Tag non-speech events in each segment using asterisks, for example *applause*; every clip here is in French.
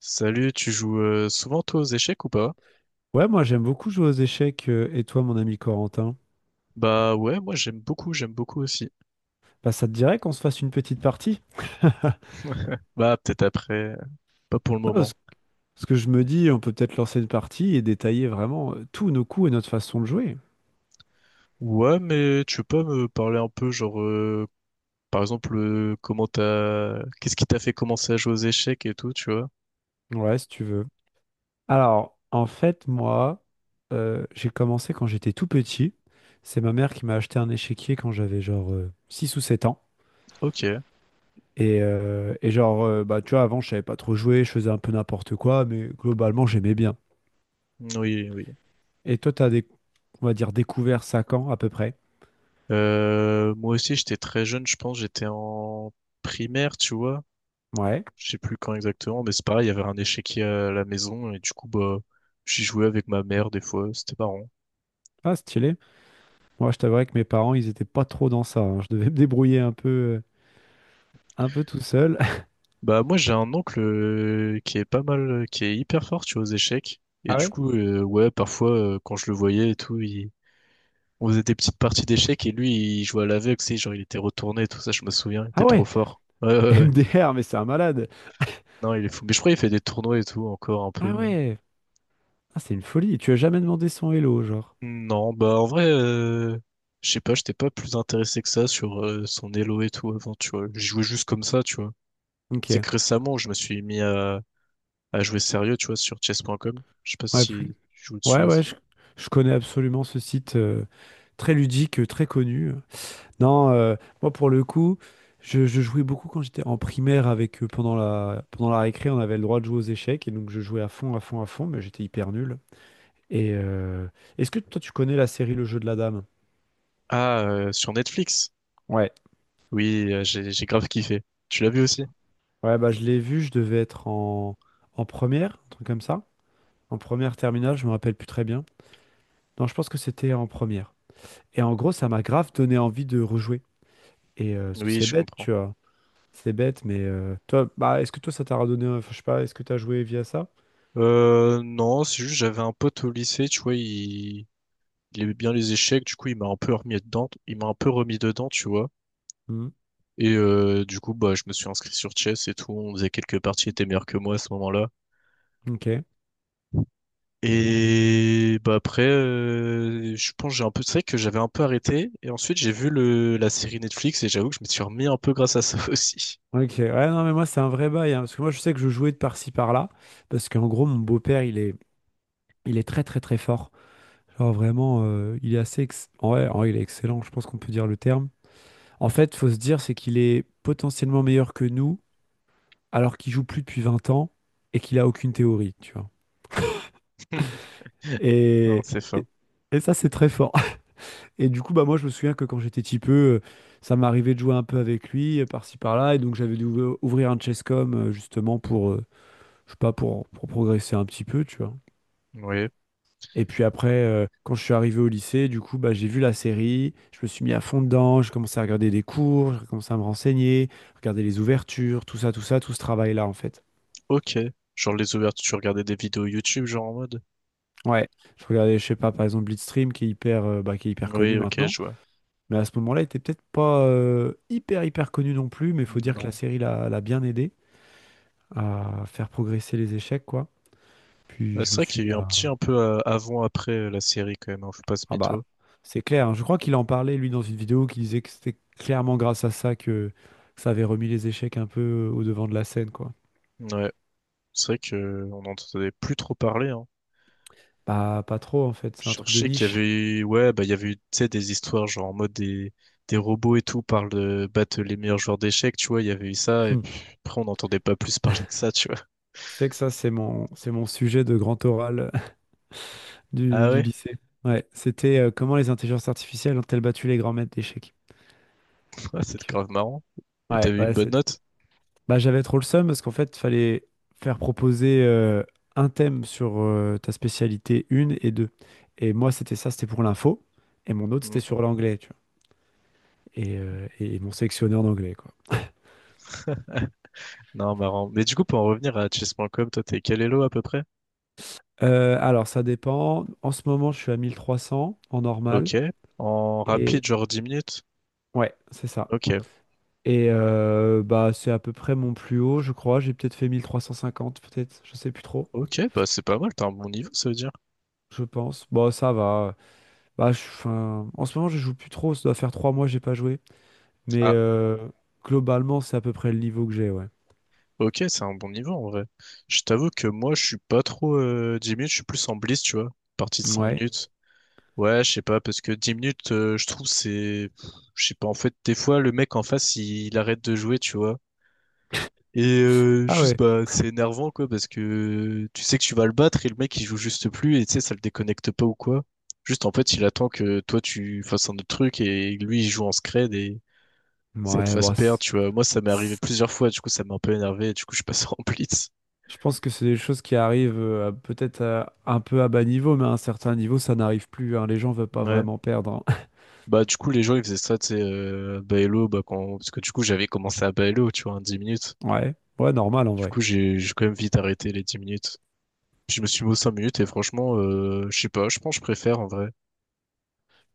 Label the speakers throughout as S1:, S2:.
S1: Salut, tu joues souvent toi aux échecs ou pas?
S2: Ouais, moi j'aime beaucoup jouer aux échecs, et toi mon ami Corentin?
S1: Bah ouais, moi j'aime beaucoup aussi.
S2: Bah ça te dirait qu'on se fasse une petite partie?
S1: Bah peut-être après, pas pour le
S2: Ah,
S1: moment.
S2: parce que je me dis, on peut peut-être lancer une partie et détailler vraiment tous nos coups et notre façon de jouer.
S1: Ouais, mais tu peux pas me parler un peu genre par exemple comment t'as qu'est-ce qui t'a fait commencer à jouer aux échecs et tout, tu vois?
S2: Ouais, si tu veux. Alors, en fait, moi, j'ai commencé quand j'étais tout petit. C'est ma mère qui m'a acheté un échiquier quand j'avais genre 6 ou 7 ans.
S1: OK.
S2: Et genre, bah, tu vois, avant, je savais pas trop jouer, je faisais un peu n'importe quoi, mais globalement, j'aimais bien.
S1: Oui, oui.
S2: Et toi, t'as, des, on va dire, découvert ça quand, à peu près?
S1: Moi aussi j'étais très jeune, je pense, j'étais en primaire, tu vois.
S2: Ouais.
S1: Je sais plus quand exactement, mais c'est pareil, il y avait un échiquier à la maison et du coup bah j'y jouais avec ma mère des fois, c'était marrant.
S2: Ah, stylé. Moi, je t'avouerais que mes parents, ils étaient pas trop dans ça, hein. Je devais me débrouiller un peu tout seul. *laughs*
S1: Bah moi j'ai un oncle qui est pas mal, qui est hyper fort, tu vois, aux échecs. Et
S2: Ah
S1: du
S2: ouais?
S1: coup, ouais, parfois quand je le voyais et tout, il... On faisait des petites parties d'échecs et lui il jouait à l'aveugle, tu sais, genre il était retourné et tout ça, je me souviens, il était
S2: Ah
S1: trop
S2: ouais,
S1: fort. Ouais,
S2: *laughs*
S1: ouais, ouais.
S2: MDR, mais c'est un malade.
S1: Non, il est fou. Mais je crois qu'il fait des tournois et tout encore un
S2: Ah
S1: peu.
S2: ouais, ah, c'est une folie. Tu as jamais demandé son hello, genre.
S1: Non, bah en vrai, je sais pas, j'étais pas plus intéressé que ça sur son Elo et tout avant, tu vois. Je jouais juste comme ça, tu vois.
S2: Ok.
S1: C'est que récemment je me suis mis à jouer sérieux, tu vois, sur chess.com. Je sais pas
S2: Ouais,
S1: si tu joues dessus
S2: ouais, ouais,
S1: aussi.
S2: je connais absolument ce site très ludique, très connu. Non, moi pour le coup, je jouais beaucoup quand j'étais en primaire avec eux pendant pendant la récré, on avait le droit de jouer aux échecs et donc je jouais à fond, à fond, à fond, mais j'étais hyper nul. Et est-ce que toi tu connais la série Le jeu de la dame?
S1: Ah, sur Netflix.
S2: Ouais,
S1: Oui, j'ai grave kiffé. Tu l'as vu aussi?
S2: ouais, bah je l'ai vu, je devais être en première, un truc comme ça. En première terminale, je me rappelle plus très bien. Non, je pense que c'était en première. Et en gros, ça m'a grave donné envie de rejouer. Et parce que
S1: Oui,
S2: c'est
S1: je
S2: bête,
S1: comprends.
S2: tu vois. C'est bête, mais toi, bah est-ce que toi ça t'a redonné, enfin, je sais pas, est-ce que t'as joué via ça?
S1: Non, c'est juste j'avais un pote au lycée, tu vois, il aimait bien les échecs, du coup il m'a un peu remis dedans, il m'a un peu remis dedans, tu vois.
S2: Hmm.
S1: Et du coup, bah, je me suis inscrit sur Chess et tout, on faisait quelques parties, il était meilleur que moi à ce moment-là.
S2: Ok.
S1: Et bah après, je pense que j'ai un peu, c'est vrai que j'avais un peu arrêté. Et ensuite, j'ai vu la série Netflix et j'avoue que je me suis remis un peu grâce à ça *laughs* aussi.
S2: Ok. Ouais, non, mais moi c'est un vrai bail, hein, parce que moi je sais que je jouais de par-ci par-là, parce qu'en gros mon beau-père il est très très très fort. Genre vraiment, il est assez, ouais, ouais, il est excellent, je pense qu'on peut dire le terme. En fait, faut se dire, c'est qu'il est potentiellement meilleur que nous, alors qu'il joue plus depuis 20 ans et qu'il a aucune théorie, tu vois.
S1: *laughs* Non,
S2: Et,
S1: c'est fort.
S2: et, et ça, c'est très fort. *laughs* Et du coup, bah moi, je me souviens que quand j'étais petit peu, ça m'arrivait de jouer un peu avec lui, par-ci, par-là. Et donc, j'avais dû ouvrir un chesscom, justement, je sais pas, pour progresser un petit peu, tu vois.
S1: Oui.
S2: Et puis après, quand je suis arrivé au lycée, du coup, bah, j'ai vu la série, je me suis mis à fond dedans, j'ai commencé à regarder des cours, j'ai commencé à me renseigner, regarder les ouvertures, tout ça, tout ça, tout ce travail-là, en fait.
S1: Ok. Genre les ouvertures, tu regardais des vidéos YouTube, genre en mode.
S2: Ouais, je regardais, je sais pas, par exemple Blitzstream qui est hyper, bah, qui est hyper connu
S1: Oui, ok,
S2: maintenant,
S1: je vois.
S2: mais à ce moment-là, il était peut-être pas hyper hyper connu non plus, mais il faut dire que la
S1: Non.
S2: série l'a bien aidé à faire progresser les échecs, quoi. Puis
S1: Bah,
S2: je
S1: c'est
S2: me
S1: vrai
S2: suis
S1: qu'il y
S2: mis
S1: a eu un
S2: à...
S1: petit un peu avant après la série quand même, hein, faut pas se
S2: Ah bah,
S1: mytho.
S2: c'est clair, hein. Je crois qu'il en parlait, lui, dans une vidéo, qui disait que c'était clairement grâce à ça que ça avait remis les échecs un peu au devant de la scène, quoi.
S1: Ouais, c'est vrai que on n'entendait plus trop parler, hein.
S2: Bah, pas trop, en fait,
S1: Je
S2: c'est un truc de
S1: cherchais qu'il y avait
S2: niche.
S1: eu, ouais, bah, il y avait eu, tu sais, des histoires, genre, en mode des robots et tout, parlent de battre les meilleurs joueurs d'échecs, tu vois, il y avait eu ça, et
S2: Hmm.
S1: puis après, on n'entendait pas plus *laughs* parler que ça, tu vois.
S2: Tu sais que ça, c'est mon sujet de grand oral
S1: Ah
S2: du
S1: ouais?
S2: lycée. Ouais, c'était comment les intelligences artificielles ont-elles battu les grands maîtres d'échecs.
S1: *laughs* Ouais, c'est
S2: Donc,
S1: grave marrant. Et
S2: ouais,
S1: t'avais une
S2: ouais,
S1: bonne note?
S2: bah, j'avais trop le seum parce qu'en fait, fallait faire proposer un thème sur ta spécialité une et deux. Et moi, c'était ça, c'était pour l'info. Et mon autre,
S1: Hmm.
S2: c'était sur l'anglais, tu vois. Et ils m'ont sélectionné en anglais, quoi.
S1: *laughs* Non, marrant. Mais du coup, pour en revenir à chess.com, toi, t'es quel elo à peu près?
S2: Alors, ça dépend. En ce moment, je suis à 1 300 en normal.
S1: Ok. En
S2: Et
S1: rapide, genre 10 minutes?
S2: ouais, c'est ça.
S1: Ok.
S2: Et bah, c'est à peu près mon plus haut, je crois. J'ai peut-être fait 1 350 peut-être. Je sais plus trop,
S1: Ok, bah, c'est pas mal, t'as un bon niveau, ça veut dire.
S2: je pense. Bon, ça va. Bah, 'fin, en ce moment, je joue plus trop. Ça doit faire 3 mois que j'ai pas joué. Mais globalement, c'est à peu près le niveau que j'ai, ouais.
S1: Ok, c'est un bon niveau en vrai. Je t'avoue que moi, je suis pas trop 10 minutes, je suis plus en blitz, tu vois. Partie de cinq
S2: Ouais.
S1: minutes. Ouais, je sais pas, parce que 10 minutes, je trouve c'est... Je sais pas, en fait, des fois, le mec en face, il arrête de jouer, tu vois. Et
S2: Ah
S1: juste,
S2: ouais.
S1: bah, c'est énervant, quoi, parce que tu sais que tu vas le battre et le mec, il joue juste plus, et tu sais, ça le déconnecte pas ou quoi. Juste, en fait, il attend que toi, tu fasses un autre truc, et lui, il joue en scred, et ça te
S2: Ouais,
S1: fasse
S2: bon,
S1: perdre, tu vois. Moi, ça m'est arrivé
S2: c'est-
S1: plusieurs fois, du coup, ça m'a un peu énervé, et du coup, je passe *laughs* en blitz.
S2: je pense que c'est des choses qui arrivent peut-être un peu à bas niveau, mais à un certain niveau, ça n'arrive plus, hein. Les gens veulent pas
S1: Ouais,
S2: vraiment perdre, hein. *laughs*
S1: bah, du coup, les gens, ils faisaient ça, tu sais, à Baello, bah, quand, parce que du coup, j'avais commencé à Baello, tu vois, en 10 minutes.
S2: Ouais. Ouais, normal en
S1: Du
S2: vrai.
S1: coup, j'ai quand même vite arrêté les 10 minutes. Puis, je me suis mis aux 5 minutes et franchement, je sais pas, je pense que je préfère en vrai.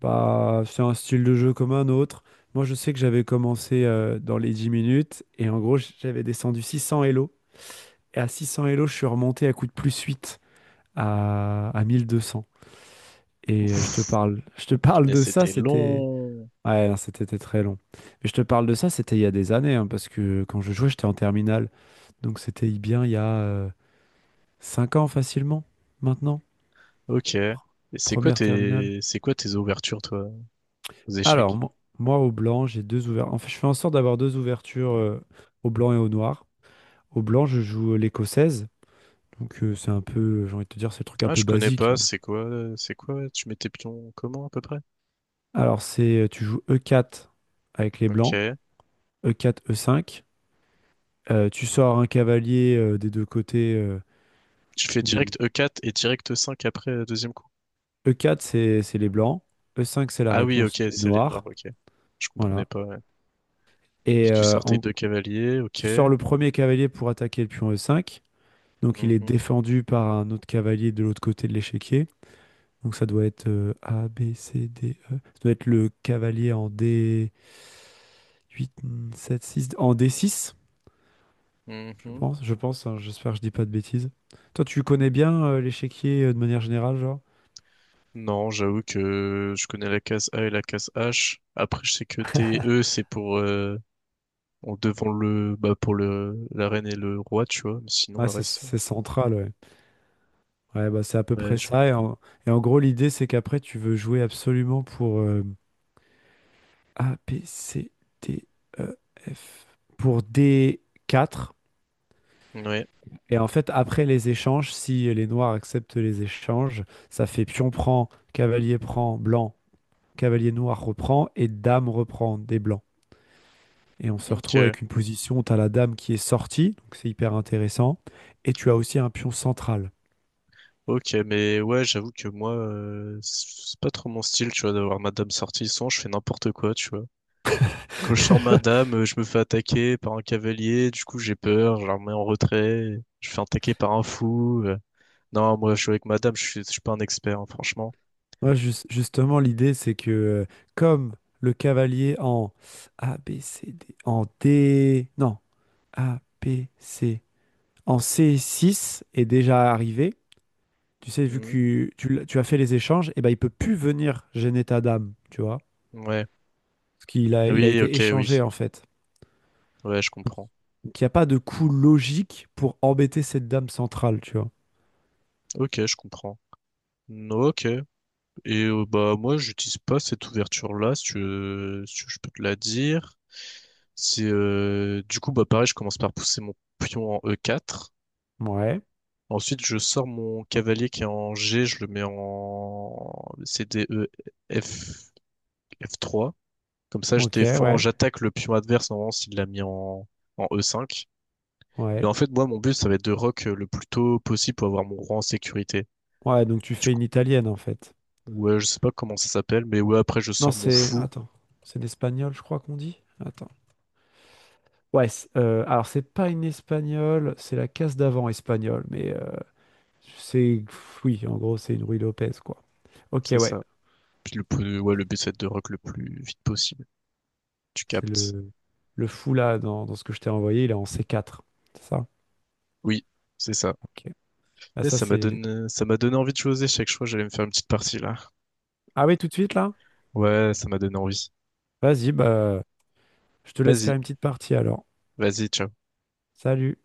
S2: Bah, c'est un style de jeu comme un autre. Moi, je sais que j'avais commencé dans les 10 minutes et en gros, j'avais descendu 600 Elo. Et à 600 Elo, je suis remonté à coup de plus 8 à 1200. Et
S1: Ouf,
S2: je te parle
S1: punaise,
S2: de ça,
S1: c'était
S2: c'était.
S1: long.
S2: Ouais, non, c'était très long. Mais je te parle de ça, c'était il y a des années, hein, parce que quand je jouais, j'étais en terminale. Donc c'était bien il y a 5 ans facilement, maintenant.
S1: Ok. Et
S2: Pr- Première terminale.
S1: c'est quoi tes ouvertures, toi, aux
S2: Alors,
S1: échecs?
S2: moi, au blanc, j'ai deux ouvertures. En fait, je fais en sorte d'avoir deux ouvertures au blanc et au noir. Au blanc, je joue l'écossaise. Donc, c'est un peu, j'ai envie de te dire, c'est le truc un
S1: Ah,
S2: peu
S1: je connais
S2: basique.
S1: pas,
S2: hein.
S1: c'est quoi, tu mets tes pions comment, à peu près?
S2: Alors, tu joues E4 avec les blancs,
S1: Ok.
S2: E4, E5. Tu sors un cavalier des deux côtés.
S1: Tu fais
S2: Du-
S1: direct E4 et direct E5 après, deuxième coup.
S2: E4, c'est les blancs. E5, c'est la
S1: Ah oui,
S2: réponse
S1: ok,
S2: des
S1: c'est les noirs,
S2: noirs.
S1: ok. Je comprenais
S2: Voilà.
S1: pas. Puis
S2: Et
S1: tu sortais deux cavaliers, ok.
S2: tu sors le premier cavalier pour attaquer le pion E5. Donc, il est
S1: Mhm,
S2: défendu par un autre cavalier de l'autre côté de l'échiquier. Donc ça doit être A, B, C, D, E. Ça doit être le cavalier en D8, 7, 6, en D6,
S1: mhm.
S2: je pense, hein, j'espère que je dis pas de bêtises. Toi, tu connais bien l'échiquier de manière générale, genre?
S1: Non, j'avoue que je connais la case A et la case H. Après, je sais que D et E, c'est pour en devant le bah pour le la reine et le roi, tu vois. Mais sinon,
S2: Ouais,
S1: le reste,
S2: c'est central, ouais. Ouais, bah c'est à peu
S1: ouais,
S2: près ça. Et et en gros, l'idée, c'est qu'après, tu veux jouer absolument pour A, B, C, D, E, F. Pour D4.
S1: ouais.
S2: Et en fait, après les échanges, si les noirs acceptent les échanges, ça fait pion prend, cavalier prend, blanc, cavalier noir reprend et dame reprend des blancs. Et on se retrouve
S1: Ok,
S2: avec une position où tu as la dame qui est sortie, donc c'est hyper intéressant, et tu as aussi un pion central.
S1: ok, mais ouais, j'avoue que moi, c'est pas trop mon style, tu vois, d'avoir Madame Sortisson. Je fais n'importe quoi, tu vois. Quand je sors
S2: *laughs*
S1: Madame, je me fais attaquer par un cavalier. Du coup, j'ai peur. Je la remets en retrait. Je me fais attaquer par un fou. Non, moi, je suis avec madame, je suis pas un expert, hein, franchement.
S2: Moi, justement, l'idée, c'est que comme le cavalier en A, B, C, D, en D, non, A, B, C, en C6 est déjà arrivé, tu sais, vu que
S1: Hmm.
S2: tu as fait les échanges, et ben, il peut plus venir gêner ta dame, tu vois,
S1: Ouais.
S2: parce il a
S1: Oui,
S2: été
S1: ok,
S2: échangé
S1: oui.
S2: en fait.
S1: Ouais, je comprends.
S2: Donc il n'y a pas de coût logique pour embêter cette dame centrale, tu vois.
S1: Ok, je comprends. No, Ok. Et bah moi, j'utilise pas cette ouverture-là, si tu veux, je peux te la dire. C'est du coup bah pareil, je commence par pousser mon pion en E4.
S2: Ouais,
S1: Ensuite, je sors mon cavalier qui est en G, je le mets en c d e F... F3. Comme ça, je
S2: ok,
S1: défends,
S2: ouais,
S1: j'attaque le pion adverse normalement s'il l'a mis en e5. Et
S2: ouais.
S1: en fait, moi, mon but, ça va être de rock le plus tôt possible pour avoir mon roi en sécurité.
S2: Ouais, donc tu
S1: Du
S2: fais
S1: coup,
S2: une italienne en fait.
S1: ouais, je sais pas comment ça s'appelle, mais ouais, après, je
S2: Non,
S1: sors mon
S2: c'est...
S1: fou.
S2: Attends, c'est l'espagnol, je crois qu'on dit. Attends. Ouais, alors c'est pas une espagnole, c'est la case d'avant espagnole, mais c'est... Oui, en gros, c'est une Ruy Lopez, quoi. Ok,
S1: C'est
S2: ouais.
S1: ça. Puis ouais, le but, c'est de rock le plus vite possible. Tu
S2: C'est
S1: captes.
S2: le fou là dans ce que je t'ai envoyé, il est en C4. C'est ça?
S1: Oui, c'est ça.
S2: Ok. Ah,
S1: Et
S2: ça, c'est...
S1: ça m'a donné envie de jouer aux échecs. Je crois que j'allais me faire une petite partie là.
S2: Ah oui, tout de suite là?
S1: Ouais, ça m'a donné envie.
S2: Vas-y, bah, je te laisse
S1: Vas-y,
S2: faire une petite partie alors.
S1: vas-y, ciao.
S2: Salut.